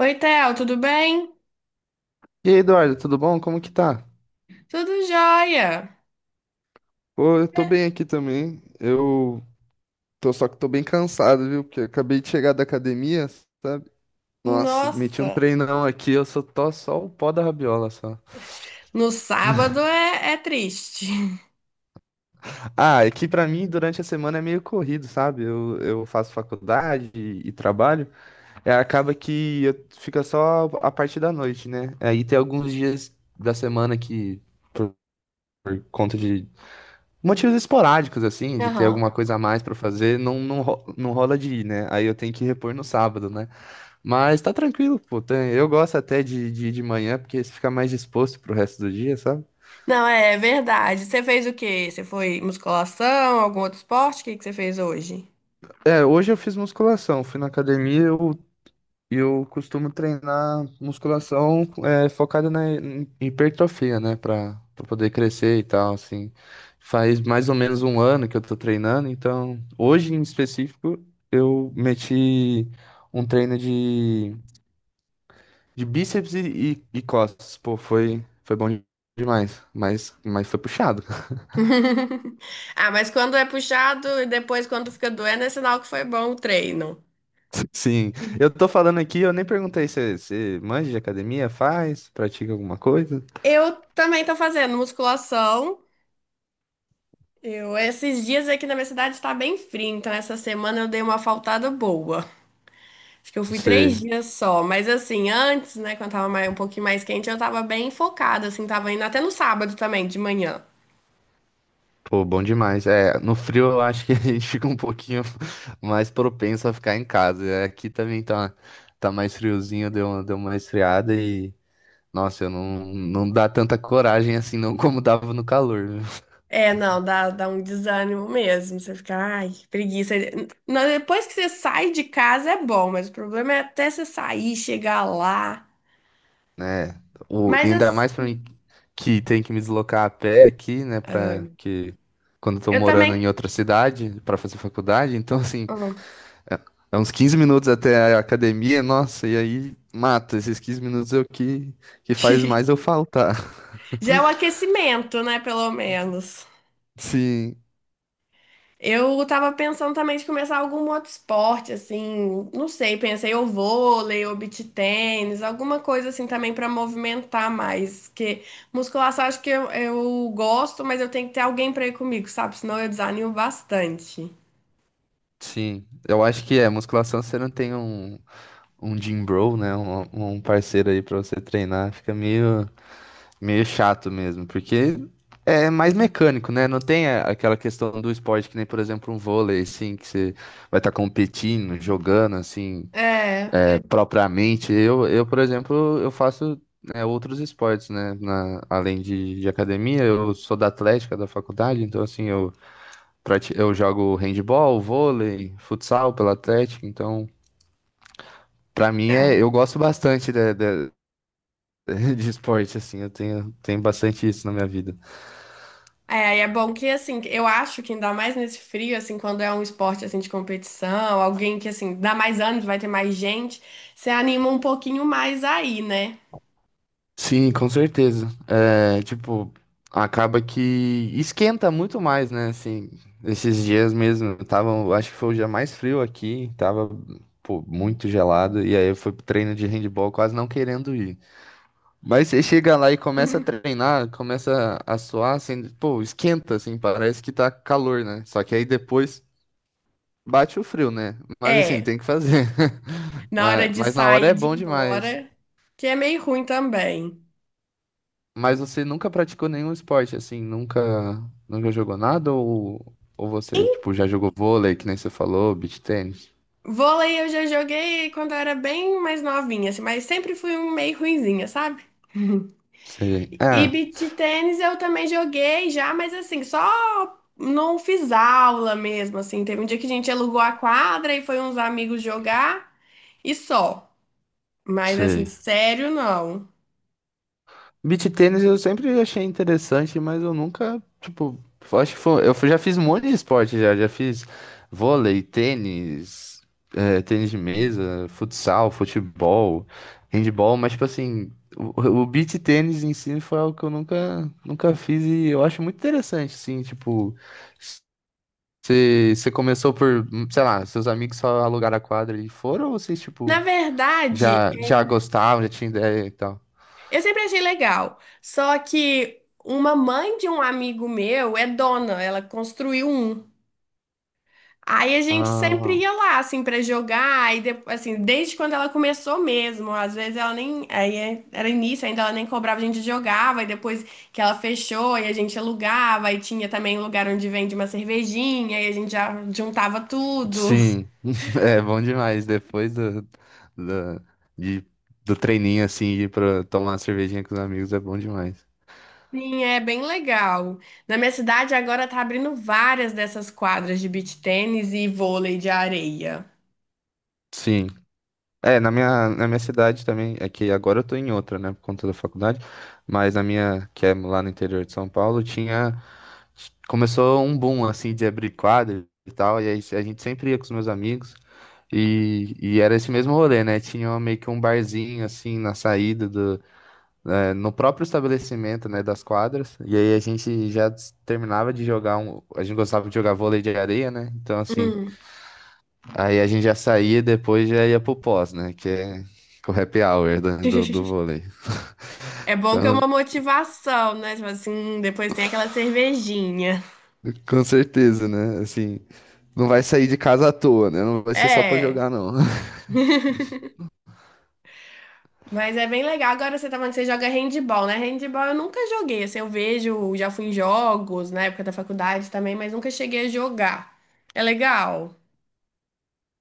Oi, Theo, tudo bem? E aí, Eduardo, tudo bom? Como que tá? Tudo jóia. Pô, eu tô É, bem aqui também. Eu tô só que tô bem cansado, viu? Porque eu acabei de chegar da academia, sabe? Nossa, meti nossa, um treinão aqui, eu só tô só o pó da rabiola só. no sábado é triste. Ah, é que pra mim durante a semana é meio corrido, sabe? Eu faço faculdade e trabalho. É, acaba que fica só a parte da noite, né? Aí tem alguns dias da semana que, por conta de motivos esporádicos, assim, de ter alguma Aham. coisa a mais pra fazer, não rola de ir, né? Aí eu tenho que repor no sábado, né? Mas tá tranquilo, pô. Eu gosto até de, ir de manhã, porque você fica mais disposto pro resto do dia, sabe? Não, é verdade. Você fez o quê? Você foi musculação, algum outro esporte? O que que você fez hoje? É, hoje eu fiz musculação, fui na academia, eu costumo treinar musculação focada na hipertrofia, né? Pra poder crescer e tal, assim. Faz mais ou menos um ano que eu tô treinando, então hoje em específico eu meti um treino de bíceps e costas. Pô, foi bom demais, mas foi puxado. Ah, mas quando é puxado e depois quando fica doendo, é sinal que foi bom o treino. Sim, eu tô falando aqui, eu nem perguntei se você manja de academia, faz, pratica alguma coisa. Eu também tô fazendo musculação. Esses dias aqui na minha cidade tá bem frio, então essa semana eu dei uma faltada boa. Acho que eu fui três Você. dias só, mas assim, antes, né, quando tava mais, um pouquinho mais quente, eu tava bem focada, assim, tava indo até no sábado também, de manhã. Pô, bom demais. É, no frio eu acho que a gente fica um pouquinho mais propenso a ficar em casa. É, aqui também tá mais friozinho, deu uma esfriada e, nossa, eu não dá tanta coragem assim não como dava no calor, viu? É, não, dá, dá um desânimo mesmo. Você fica, ai, que preguiça. Não, depois que você sai de casa é bom, mas o problema é até você sair, chegar lá. Né? O, e Mas ainda mais pra assim, mim que tem que me deslocar a pé aqui, né, ah, pra que quando eu tô eu morando também. em outra cidade pra fazer faculdade, então assim, Ah, é, é uns 15 minutos até a academia, nossa, e aí mata esses 15 minutos eu que faz mais eu faltar. já é o aquecimento, né, pelo menos. Sim, Eu tava pensando também de começar algum outro esporte, assim, não sei, pensei ou vôlei, ou beach tênis, alguma coisa assim também pra movimentar mais, que musculação acho que eu gosto, mas eu tenho que ter alguém pra ir comigo, sabe? Senão eu desanimo bastante. sim. Eu acho que é, musculação você não tem um gym bro, né? Um parceiro aí pra você treinar, fica meio chato mesmo, porque é mais mecânico, né? Não tem aquela questão do esporte que nem, por exemplo, um vôlei, assim, que você vai estar competindo, jogando, assim, É, propriamente. Por exemplo, eu faço, outros esportes, né? Além de academia, eu sou da atlética da faculdade, então, assim, eu Eu jogo handball, vôlei, futsal pela Atlética, então pra mim é. eu gosto bastante de, de esporte assim, eu tenho bastante isso na minha vida. É, e é bom que, assim, eu acho que ainda mais nesse frio, assim, quando é um esporte, assim, de competição, alguém que, assim, dá mais anos, vai ter mais gente, você anima um pouquinho mais aí, né? Sim, com certeza. É, tipo, acaba que esquenta muito mais, né? Assim, esses dias mesmo, tava, acho que foi o dia mais frio aqui, tava, pô, muito gelado, e aí eu fui pro treino de handball quase não querendo ir. Mas você chega lá e começa a treinar, começa a suar, assim, pô, esquenta, assim, parece que tá calor, né? Só que aí depois bate o frio, né? Mas assim, É. tem que fazer. Na hora Mas, de mas na hora sair é de ir bom demais. embora, que é meio ruim também. Mas você nunca praticou nenhum esporte, assim, nunca jogou nada? Ou você, tipo, já jogou vôlei, que nem você falou, beach tennis? Vôlei eu já joguei quando eu era bem mais novinha, assim, mas sempre fui um meio ruinzinha, sabe? Sei. E Ah, beach tênis eu também joguei já, mas assim, só não fiz aula mesmo, assim. Teve um dia que a gente alugou a quadra e foi uns amigos jogar e só. Mas assim, sei. sério, não. Beach tênis eu sempre achei interessante, mas eu nunca, tipo, eu acho que foi, eu já fiz um monte de esporte já, fiz vôlei, tênis, tênis de mesa, futsal, futebol, handball, mas tipo assim, o beach tênis em si foi algo que eu nunca fiz e eu acho muito interessante, assim, tipo, você começou por, sei lá, seus amigos só alugaram a quadra e foram ou vocês, Na tipo, verdade, já gostavam, já tinha ideia e tal? eu sempre achei legal. Só que uma mãe de um amigo meu é dona, ela construiu um. Aí a gente sempre Ah, ia lá, assim, pra jogar, e assim, desde quando ela começou mesmo. Às vezes ela nem. Aí era início, ainda ela nem cobrava, a gente jogava, e depois que ela fechou, e a gente alugava, e tinha também um lugar onde vende uma cervejinha, e a gente já juntava tudo. sim, é bom demais. Depois do, de- do treininho, assim, ir pra tomar uma cervejinha com os amigos é bom demais. Sim, é bem legal. Na minha cidade agora tá abrindo várias dessas quadras de beach tênis e vôlei de areia. Sim. É, na minha cidade também, é que agora eu tô em outra, né, por conta da faculdade, mas na minha, que é lá no interior de São Paulo, começou um boom, assim, de abrir quadro e tal, e aí a gente sempre ia com os meus amigos, e era esse mesmo rolê, né, tinha meio que um barzinho, assim, na saída, no próprio estabelecimento, né, das quadras. E aí a gente já terminava de jogar um, a gente gostava de jogar vôlei de areia, né? Então assim, Hum. aí a gente já saía e depois já ia pro pós, né, que é o happy hour do vôlei. É bom que é Então, uma motivação, né? Tipo assim, depois tem aquela cervejinha. com certeza, né? Assim, não vai sair de casa à toa, né? Não vai ser só pra É, jogar, não. mas é bem legal. Agora você tá falando que você joga handball, né? Handball eu nunca joguei. Assim, eu vejo, já fui em jogos na época da faculdade também, mas nunca cheguei a jogar. É legal.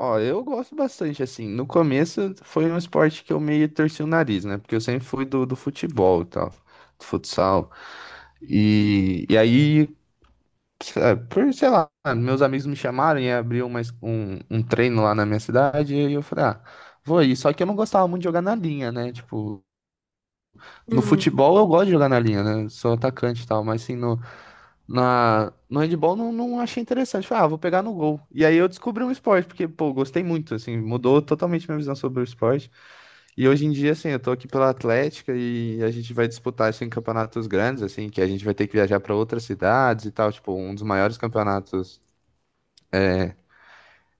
Ó, eu gosto bastante, assim. No começo foi um esporte que eu meio torci o nariz, né? Porque eu sempre fui do futebol e tal, do futsal. E aí por, sei lá, meus amigos me chamaram e abriu um treino lá na minha cidade, e eu falei, ah, vou aí. Só que eu não gostava muito de jogar na linha, né? Tipo, no Hum. futebol eu gosto de jogar na linha, né? Sou atacante e tal, mas assim, no handball não achei interessante. Falei, ah, vou pegar no gol. E aí eu descobri um esporte, porque, pô, gostei muito, assim, mudou totalmente minha visão sobre o esporte. E hoje em dia, assim, eu tô aqui pela Atlética e a gente vai disputar isso em campeonatos grandes, assim, que a gente vai ter que viajar para outras cidades e tal, tipo, um dos maiores campeonatos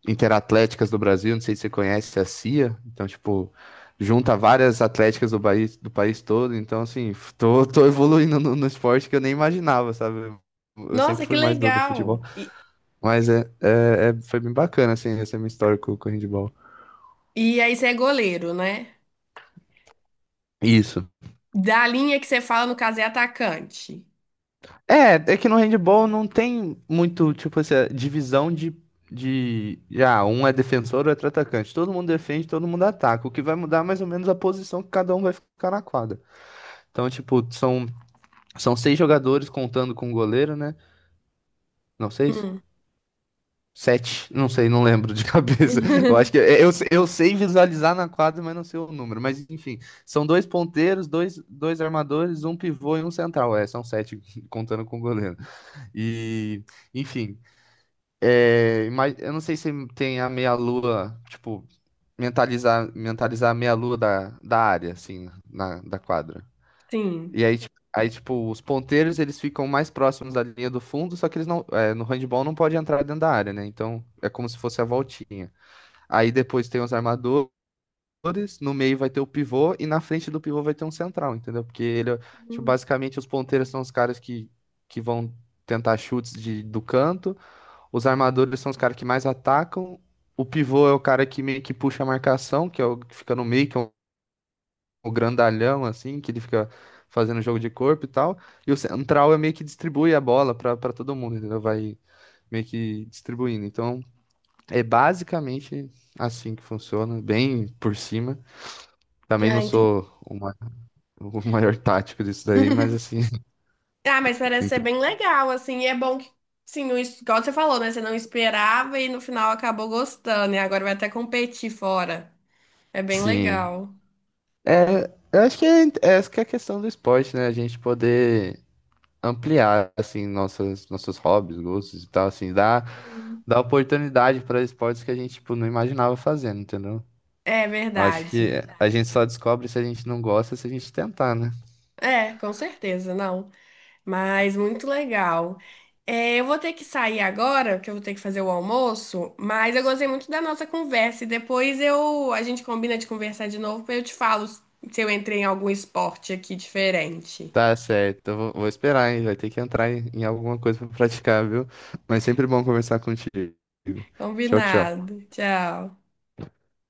Interatléticas do Brasil, não sei se você conhece a CIA, então, tipo, junta várias atléticas do país todo, então, assim, tô evoluindo no esporte que eu nem imaginava, sabe? Eu sempre Nossa, que fui mais do legal. futebol, E, mas foi bem bacana, assim, essa minha história com o handball. e aí você é goleiro, né? Isso. Da linha que você fala, no caso, é atacante. É que no handball não tem muito, tipo, essa divisão já, um é defensor, outro é atacante. Todo mundo defende, todo mundo ataca. O que vai mudar é mais ou menos a posição que cada um vai ficar na quadra. Então, tipo, São seis jogadores contando com o goleiro, né? Não, seis? Hum. Sete? Não sei, não lembro de cabeça. Eu acho que eu sei visualizar na quadra, mas não sei o número. Mas enfim, são dois ponteiros, dois armadores, um pivô e um central. É, são sete contando com o goleiro. E, enfim, mas eu não sei se tem a meia-lua, tipo, mentalizar a meia-lua da área, assim, da quadra. Sim. E aí, tipo, os ponteiros eles ficam mais próximos da linha do fundo, só que eles não, no handball não pode entrar dentro da área, né? Então é como se fosse a voltinha. Aí depois tem os armadores, no meio vai ter o pivô e na frente do pivô vai ter um central, entendeu? Porque ele, tipo, Hum. basicamente os ponteiros são os caras que vão tentar chutes do canto, os armadores são os caras que mais atacam, o pivô é o cara que meio que puxa a marcação, que é o que fica no meio, que é o grandalhão, assim, que ele fica fazendo jogo de corpo e tal. E o central é meio que distribui a bola pra para todo mundo, entendeu? Vai meio que distribuindo. Então, é basicamente assim que funciona, bem por cima. Também não Ah, sou o o maior tático disso daí, mas assim, Ah, mas parece ser entendo. bem legal, assim, e é bom que, sim, não, igual você falou, né? Você não esperava e no final acabou gostando, e agora vai até competir fora. É bem Sim. legal. É, eu acho que essa que é a questão do esporte, né? A gente poder ampliar assim nossas nossos hobbies, gostos e tal, assim, Sim. dá oportunidade para esportes que a gente tipo não imaginava fazendo, entendeu? É Eu acho verdade. É que a gente só descobre se a gente não gosta se a gente tentar, né? É, com certeza, não. Mas muito legal. É, eu vou ter que sair agora, porque eu vou ter que fazer o almoço, mas eu gostei muito da nossa conversa, e depois eu, a gente combina de conversar de novo, pra eu te falo se eu entrei em algum esporte aqui diferente. Tá certo, eu vou esperar, hein? Vai ter que entrar em alguma coisa para praticar, viu? Mas sempre bom conversar contigo. Tchau, tchau. Combinado. Tchau.